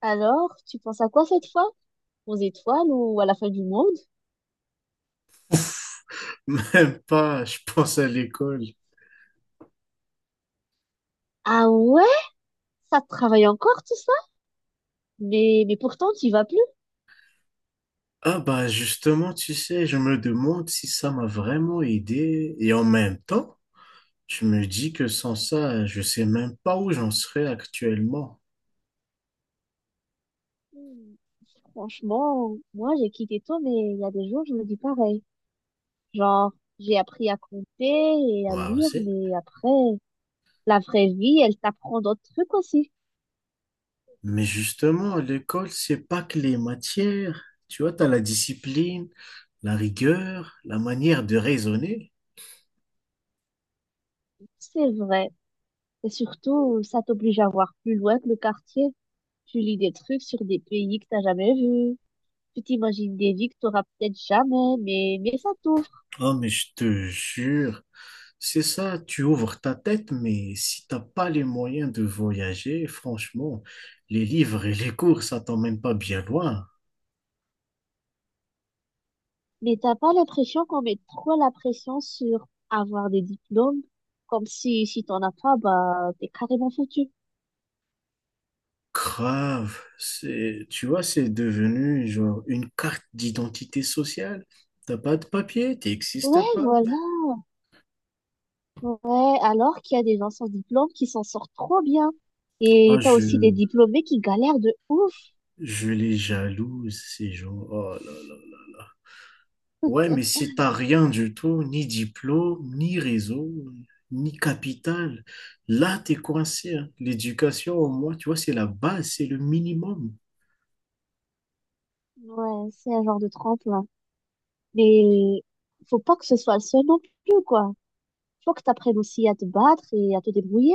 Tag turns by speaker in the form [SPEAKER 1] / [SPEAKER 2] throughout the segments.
[SPEAKER 1] Alors, tu penses à quoi cette fois? Aux étoiles ou à la fin du monde?
[SPEAKER 2] Même pas, je pense à l'école.
[SPEAKER 1] Ah ouais? Ça te travaille encore tout ça? Mais pourtant, tu vas plus.
[SPEAKER 2] Ah bah justement, tu sais, je me demande si ça m'a vraiment aidé. Et en même temps, je me dis que sans ça, je sais même pas où j'en serais actuellement.
[SPEAKER 1] Hmm. Franchement, moi j'ai quitté tôt, mais il y a des jours, je me dis pareil. Genre, j'ai appris à compter et à
[SPEAKER 2] Moi
[SPEAKER 1] lire,
[SPEAKER 2] aussi.
[SPEAKER 1] mais après, la vraie vie, elle t'apprend d'autres trucs aussi.
[SPEAKER 2] Mais justement, l'école, c'est pas que les matières. Tu vois, t'as la discipline, la rigueur, la manière de raisonner.
[SPEAKER 1] C'est vrai. Et surtout, ça t'oblige à voir plus loin que le quartier. Tu lis des trucs sur des pays que t'as jamais vus. Tu t'imagines des vies que t'auras peut-être jamais, mais ça t'ouvre.
[SPEAKER 2] Oh mais je te jure. C'est ça, tu ouvres ta tête, mais si t'as pas les moyens de voyager, franchement, les livres et les cours, ça t'emmène pas bien loin.
[SPEAKER 1] Mais t'as pas l'impression qu'on met trop la pression sur avoir des diplômes, comme si t'en as pas, bah t'es carrément foutu.
[SPEAKER 2] Grave, c'est, tu vois, c'est devenu genre une carte d'identité sociale. T'as pas de papier,
[SPEAKER 1] Ouais,
[SPEAKER 2] t'existes pas.
[SPEAKER 1] voilà. Ouais, alors qu'il y a des gens sans diplôme qui s'en sortent trop bien.
[SPEAKER 2] Ah,
[SPEAKER 1] Et t'as
[SPEAKER 2] je,
[SPEAKER 1] aussi des diplômés qui galèrent de ouf.
[SPEAKER 2] je les jalouse, ces gens. Oh là là. Ouais, mais si t'as rien du tout, ni diplôme, ni réseau, ni capital, là, t'es coincé, hein. L'éducation, au moins, tu vois, c'est la base, c'est le minimum.
[SPEAKER 1] Ouais, c'est un genre de tremplin. Mais faut pas que ce soit le seul non plus, quoi. Faut que t'apprennes aussi à te battre et à te débrouiller.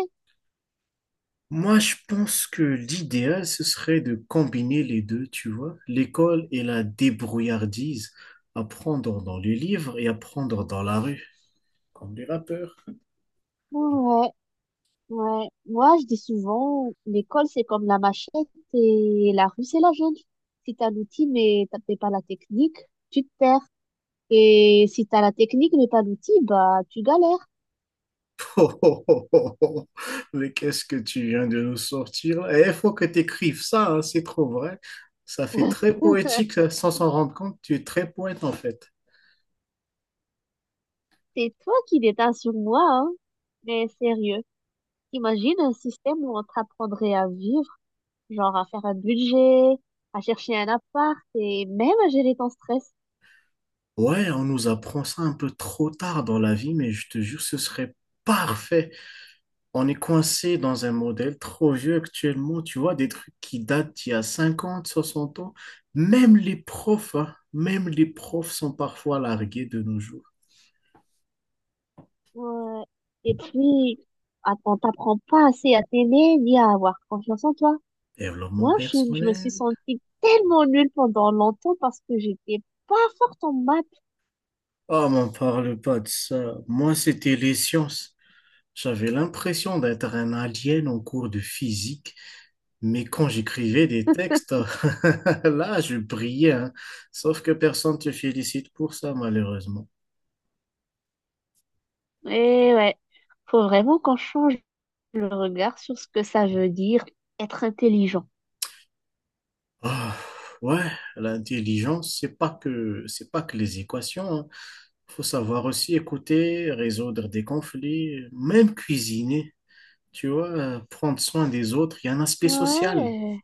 [SPEAKER 2] Moi, je pense que l'idéal, ce serait de combiner les deux, tu vois, l'école et la débrouillardise, apprendre dans les livres et apprendre dans la rue, comme les rappeurs.
[SPEAKER 1] Ouais. Ouais, moi je dis souvent, l'école c'est comme la machette et la rue c'est la jungle. Si t'as l'outil mais t'as pas la technique, tu te perds. Et si t'as la technique mais pas l'outil, bah tu galères.
[SPEAKER 2] Oh, oh, oh, oh, oh. Mais qu'est-ce que tu viens de nous sortir là? Eh, il faut que tu écrives ça, hein, c'est trop vrai. Ça fait très poétique ça, sans s'en rendre compte. Tu es très poète en fait.
[SPEAKER 1] C'est toi qui déteins sur moi, hein. Mais sérieux, imagine un système où on t'apprendrait à vivre, genre à faire un budget, à chercher un appart et même à gérer ton stress.
[SPEAKER 2] Ouais, on nous apprend ça un peu trop tard dans la vie, mais je te jure, ce serait parfait. On est coincé dans un modèle trop vieux actuellement. Tu vois, des trucs qui datent d'il y a 50, 60 ans. Même les profs, hein, même les profs sont parfois largués de nos jours.
[SPEAKER 1] Ouais. Et puis, on t'apprend pas assez à t'aimer ni à avoir confiance en toi.
[SPEAKER 2] Développement
[SPEAKER 1] Moi, je me suis
[SPEAKER 2] personnel.
[SPEAKER 1] sentie tellement nulle pendant longtemps parce que j'étais pas forte en maths.
[SPEAKER 2] Oh, m'en parle pas de ça. Moi, c'était les sciences. J'avais l'impression d'être un alien en cours de physique, mais quand j'écrivais des textes, là, je brillais, hein. Sauf que personne ne te félicite pour ça, malheureusement.
[SPEAKER 1] Et ouais, faut vraiment qu'on change le regard sur ce que ça veut dire être intelligent.
[SPEAKER 2] Ah, ouais, l'intelligence, c'est pas que les équations, hein. Faut savoir aussi écouter, résoudre des conflits, même cuisiner. Tu vois, prendre soin des autres, il y a un aspect social.
[SPEAKER 1] Ouais,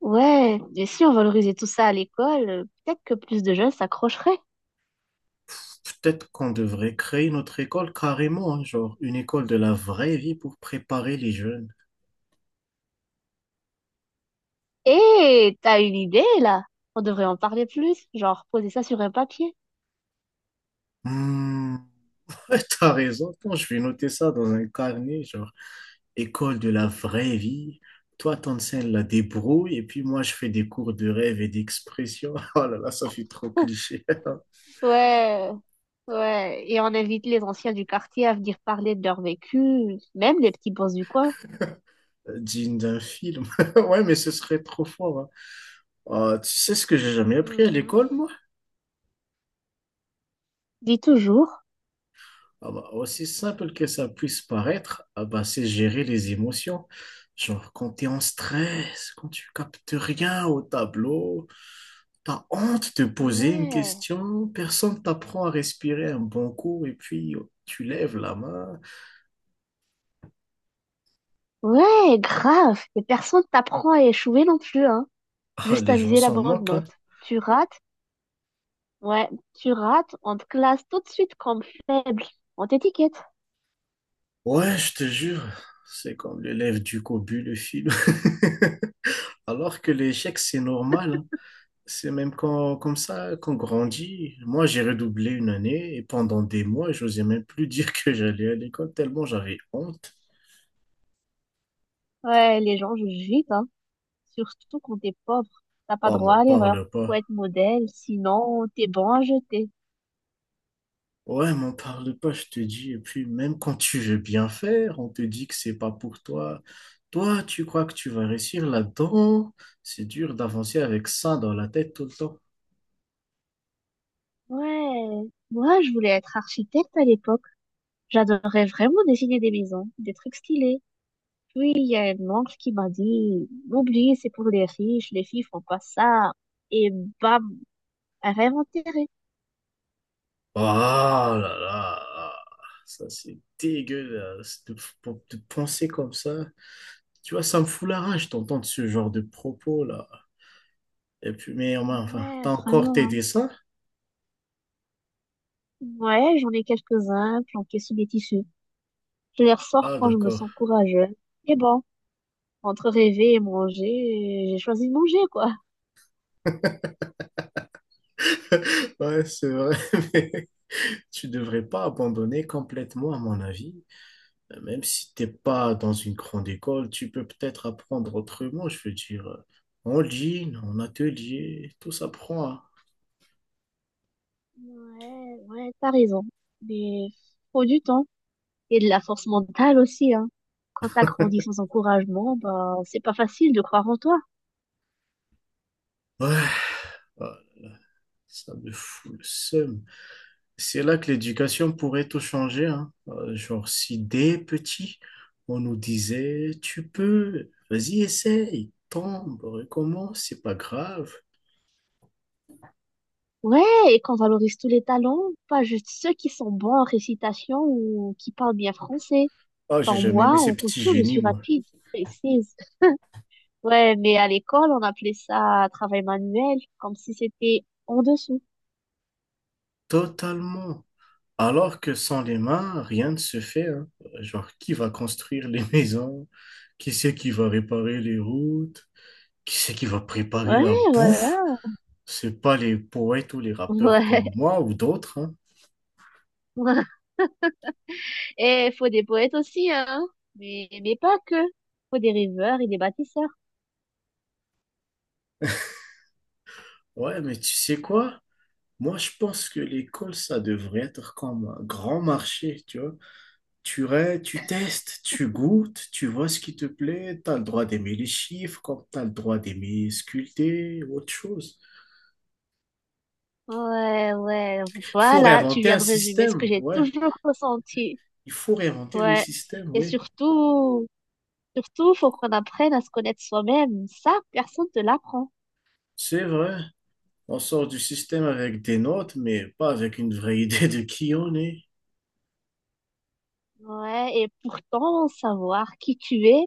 [SPEAKER 1] ouais, et si on valorisait tout ça à l'école, peut-être que plus de jeunes s'accrocheraient.
[SPEAKER 2] Peut-être qu'on devrait créer notre école carrément, hein, genre une école de la vraie vie pour préparer les jeunes.
[SPEAKER 1] Et t'as une idée là? On devrait en parler plus, genre poser ça sur un papier.
[SPEAKER 2] Hmm, ouais, t'as raison. Attends, je vais noter ça dans un carnet, genre école de la vraie vie. Toi, t'enseignes la débrouille et puis moi, je fais des cours de rêve et d'expression. Oh là là, ça fait trop cliché.
[SPEAKER 1] Ouais, ouais, et on invite les anciens du quartier à venir parler de leur vécu, même les petits boss du coin.
[SPEAKER 2] Digne d'un film. Ouais, mais ce serait trop fort, hein. Ah, tu sais ce que j'ai jamais appris à
[SPEAKER 1] Mhm.
[SPEAKER 2] l'école, moi?
[SPEAKER 1] Dis toujours.
[SPEAKER 2] Ah bah, aussi simple que ça puisse paraître, ah bah, c'est gérer les émotions. Genre, quand t'es en stress, quand tu captes rien au tableau, t'as honte de poser une
[SPEAKER 1] Ouais.
[SPEAKER 2] question, personne t'apprend à respirer un bon coup, et puis oh, tu lèves la main.
[SPEAKER 1] Ouais, grave. Et personne t'apprend à échouer non plus, hein.
[SPEAKER 2] Ah,
[SPEAKER 1] Juste
[SPEAKER 2] les
[SPEAKER 1] à
[SPEAKER 2] gens
[SPEAKER 1] viser la
[SPEAKER 2] s'en
[SPEAKER 1] bonne
[SPEAKER 2] moquent, hein.
[SPEAKER 1] note. Tu rates, ouais, tu rates, on te classe tout de suite comme faible. On t'étiquette.
[SPEAKER 2] Ouais, je te jure, c'est comme l'élève du cobu, le film. Alors que l'échec, c'est normal, hein. C'est même comme ça qu'on grandit. Moi, j'ai redoublé une année et pendant des mois, j'osais même plus dire que j'allais à l'école tellement j'avais honte.
[SPEAKER 1] Ouais, les gens jugent vite, hein. Surtout quand t'es pauvre. T'as pas
[SPEAKER 2] Oh,
[SPEAKER 1] droit
[SPEAKER 2] m'en
[SPEAKER 1] à l'erreur.
[SPEAKER 2] parle
[SPEAKER 1] Faut
[SPEAKER 2] pas.
[SPEAKER 1] être modèle, sinon t'es bon à jeter.
[SPEAKER 2] Ouais, m'en parle pas, je te dis. Et puis, même quand tu veux bien faire, on te dit que c'est pas pour toi. Toi, tu crois que tu vas réussir là-dedans? C'est dur d'avancer avec ça dans la tête tout le temps.
[SPEAKER 1] Ouais. Moi, je voulais être architecte à l'époque. J'adorais vraiment dessiner des maisons, des trucs stylés. Puis, il y a une oncle qui m'a dit, oublie, c'est pour les riches, les filles font pas ça. Et bam, rêve enterré.
[SPEAKER 2] Oh là là, là. Ça c'est dégueulasse de penser comme ça. Tu vois, ça me fout la rage d'entendre ce genre de propos là. Et puis, mais enfin,
[SPEAKER 1] Ouais,
[SPEAKER 2] t'as encore
[SPEAKER 1] vraiment, hein.
[SPEAKER 2] t'aider ça?
[SPEAKER 1] Ouais, j'en ai quelques-uns planqués sous des tissus. Je les ressors
[SPEAKER 2] Ah
[SPEAKER 1] quand je me
[SPEAKER 2] d'accord.
[SPEAKER 1] sens courageux. Et bon, entre rêver et manger, j'ai choisi de manger, quoi.
[SPEAKER 2] Ouais, c'est vrai, mais tu devrais pas abandonner complètement, à mon avis. Même si t'es pas dans une grande école, tu peux peut-être apprendre autrement, je veux dire. En ligne, en atelier, tout s'apprend, hein.
[SPEAKER 1] Ouais, ouais, t'as raison. Mais faut du temps et de la force mentale aussi, hein. Quand t'as grandi sans encouragement, bah, c'est pas facile de croire en toi.
[SPEAKER 2] Ouais, ouais, ça me fout le seum. C'est là que l'éducation pourrait tout changer, hein. Genre, si dès petit, on nous disait, tu peux, vas-y, essaye, tombe, recommence, c'est pas grave.
[SPEAKER 1] Ouais, et qu'on valorise tous les talents, pas juste ceux qui sont bons en récitation ou qui parlent bien français.
[SPEAKER 2] Ah, j'ai
[SPEAKER 1] Genre
[SPEAKER 2] jamais
[SPEAKER 1] moi,
[SPEAKER 2] aimé
[SPEAKER 1] en
[SPEAKER 2] ces petits
[SPEAKER 1] couture, je
[SPEAKER 2] génies,
[SPEAKER 1] suis
[SPEAKER 2] moi.
[SPEAKER 1] rapide, précise. Ouais, mais à l'école, on appelait ça travail manuel, comme si c'était en dessous.
[SPEAKER 2] Totalement. Alors que sans les mains, rien ne se fait, hein. Genre, qui va construire les maisons? Qui c'est qui va réparer les routes? Qui c'est qui va préparer la
[SPEAKER 1] Ouais,
[SPEAKER 2] bouffe?
[SPEAKER 1] voilà.
[SPEAKER 2] C'est pas les poètes ou les rappeurs
[SPEAKER 1] Ouais.
[SPEAKER 2] comme moi ou d'autres, hein.
[SPEAKER 1] Et faut des poètes aussi, hein. Mais pas que. Faut des rêveurs et des bâtisseurs.
[SPEAKER 2] Ouais, mais tu sais quoi? Moi, je pense que l'école, ça devrait être comme un grand marché, tu vois. Tu testes, tu goûtes, tu vois ce qui te plaît, tu as le droit d'aimer les chiffres, comme tu as le droit d'aimer sculpter ou autre chose.
[SPEAKER 1] Ouais, ouais.
[SPEAKER 2] Il faut
[SPEAKER 1] Voilà, tu
[SPEAKER 2] réinventer
[SPEAKER 1] viens
[SPEAKER 2] un
[SPEAKER 1] de résumer ce que
[SPEAKER 2] système,
[SPEAKER 1] j'ai
[SPEAKER 2] ouais.
[SPEAKER 1] toujours ressenti.
[SPEAKER 2] Il faut réinventer le
[SPEAKER 1] Ouais.
[SPEAKER 2] système,
[SPEAKER 1] Et
[SPEAKER 2] oui.
[SPEAKER 1] surtout, Surtout, faut qu'on apprenne à se connaître soi-même. Ça, personne ne te l'apprend.
[SPEAKER 2] C'est vrai. On sort du système avec des notes, mais pas avec une vraie idée de qui on est.
[SPEAKER 1] Ouais, et pourtant, savoir qui tu es,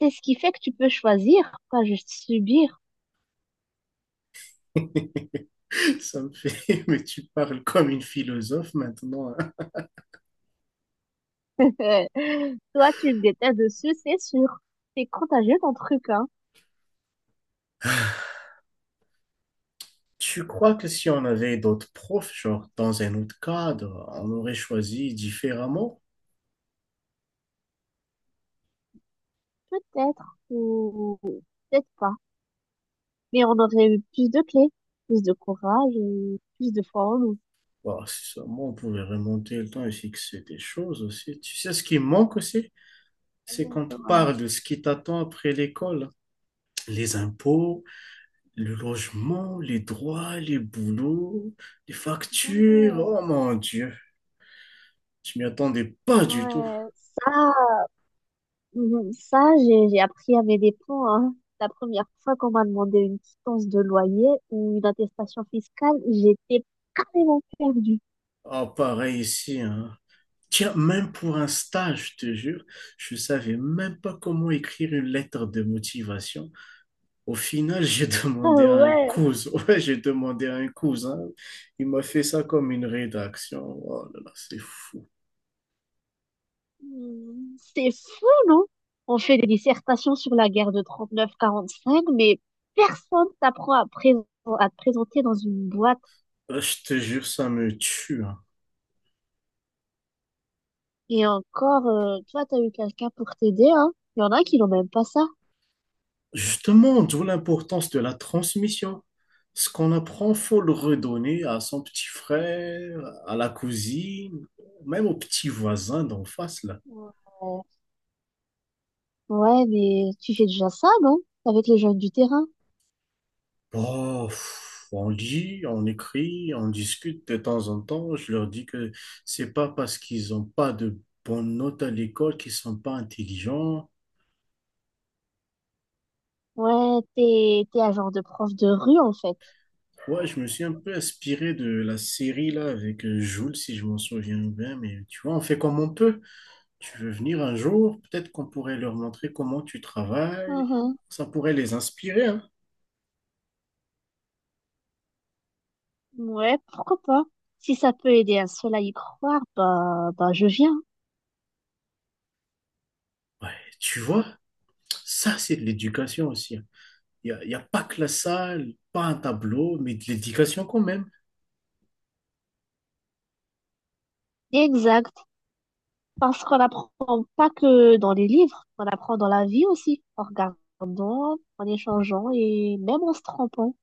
[SPEAKER 1] c'est ce qui fait que tu peux choisir, pas juste subir.
[SPEAKER 2] Ça me fait, mais tu parles comme une philosophe maintenant, hein.
[SPEAKER 1] Toi, tu me détestes dessus, c'est sûr. C'est contagieux ton truc, hein.
[SPEAKER 2] Tu crois que si on avait d'autres profs, genre dans un autre cadre, on aurait choisi différemment?
[SPEAKER 1] Peut-être, ou peut-être pas. Mais on aurait eu plus de clés, plus de courage et plus de foi en nous.
[SPEAKER 2] Bah, si seulement on pouvait remonter le temps et fixer des choses aussi. Tu sais ce qui manque aussi?
[SPEAKER 1] Et
[SPEAKER 2] C'est qu'on te parle de
[SPEAKER 1] dommage.
[SPEAKER 2] ce qui t'attend après l'école. Les impôts, le logement, les droits, les boulots, les factures.
[SPEAKER 1] Ouais,
[SPEAKER 2] Oh mon Dieu, je m'y attendais pas du tout.
[SPEAKER 1] ouais, ça, Mhm. Ça, j'ai appris à mes dépens, hein. La première fois qu'on m'a demandé une quittance de loyer ou une attestation fiscale, j'étais carrément perdue.
[SPEAKER 2] Ah, pareil ici, hein. Tiens, même pour un stage, je te jure, je ne savais même pas comment écrire une lettre de motivation. Au final, j'ai
[SPEAKER 1] Ah
[SPEAKER 2] demandé à un
[SPEAKER 1] ouais.
[SPEAKER 2] cousin. Ouais, j'ai demandé à un cousin. Il m'a fait ça comme une rédaction. Oh là là, c'est fou.
[SPEAKER 1] Hmm, c'est fou, non? On fait des dissertations sur la guerre de 39-45 mais personne t'apprend à, à te présenter dans une boîte.
[SPEAKER 2] Je te jure, ça me tue, hein.
[SPEAKER 1] Et encore, toi, t'as eu quelqu'un pour t'aider, hein? Il y en a qui n'ont même pas ça.
[SPEAKER 2] Justement, d'où l'importance de la transmission. Ce qu'on apprend, faut le redonner à son petit frère, à la cousine, même au petit voisin d'en face, là.
[SPEAKER 1] Ouais. Ouais, mais tu fais déjà ça, non? Avec les jeunes du terrain.
[SPEAKER 2] Oh, pff, on lit, on écrit, on discute de temps en temps. Je leur dis que c'est pas parce qu'ils n'ont pas de bonnes notes à l'école qu'ils sont pas intelligents.
[SPEAKER 1] Ouais, t'es un genre de prof de rue, en fait.
[SPEAKER 2] Ouais, je me suis un peu inspiré de la série là avec Jules, si je m'en souviens bien. Mais tu vois, on fait comme on peut. Tu veux venir un jour, peut-être qu'on pourrait leur montrer comment tu travailles.
[SPEAKER 1] Mhm.
[SPEAKER 2] Ça pourrait les inspirer, hein.
[SPEAKER 1] Ouais, pourquoi pas? Si ça peut aider un seul à y croire, bah, je viens.
[SPEAKER 2] Ouais, tu vois, ça c'est de l'éducation aussi, hein. Il y a pas que la salle, pas un tableau, mais de l'éducation quand même.
[SPEAKER 1] Exact. Parce qu'on apprend pas que dans les livres, on apprend dans la vie aussi, en regardant, en échangeant et même en se trompant.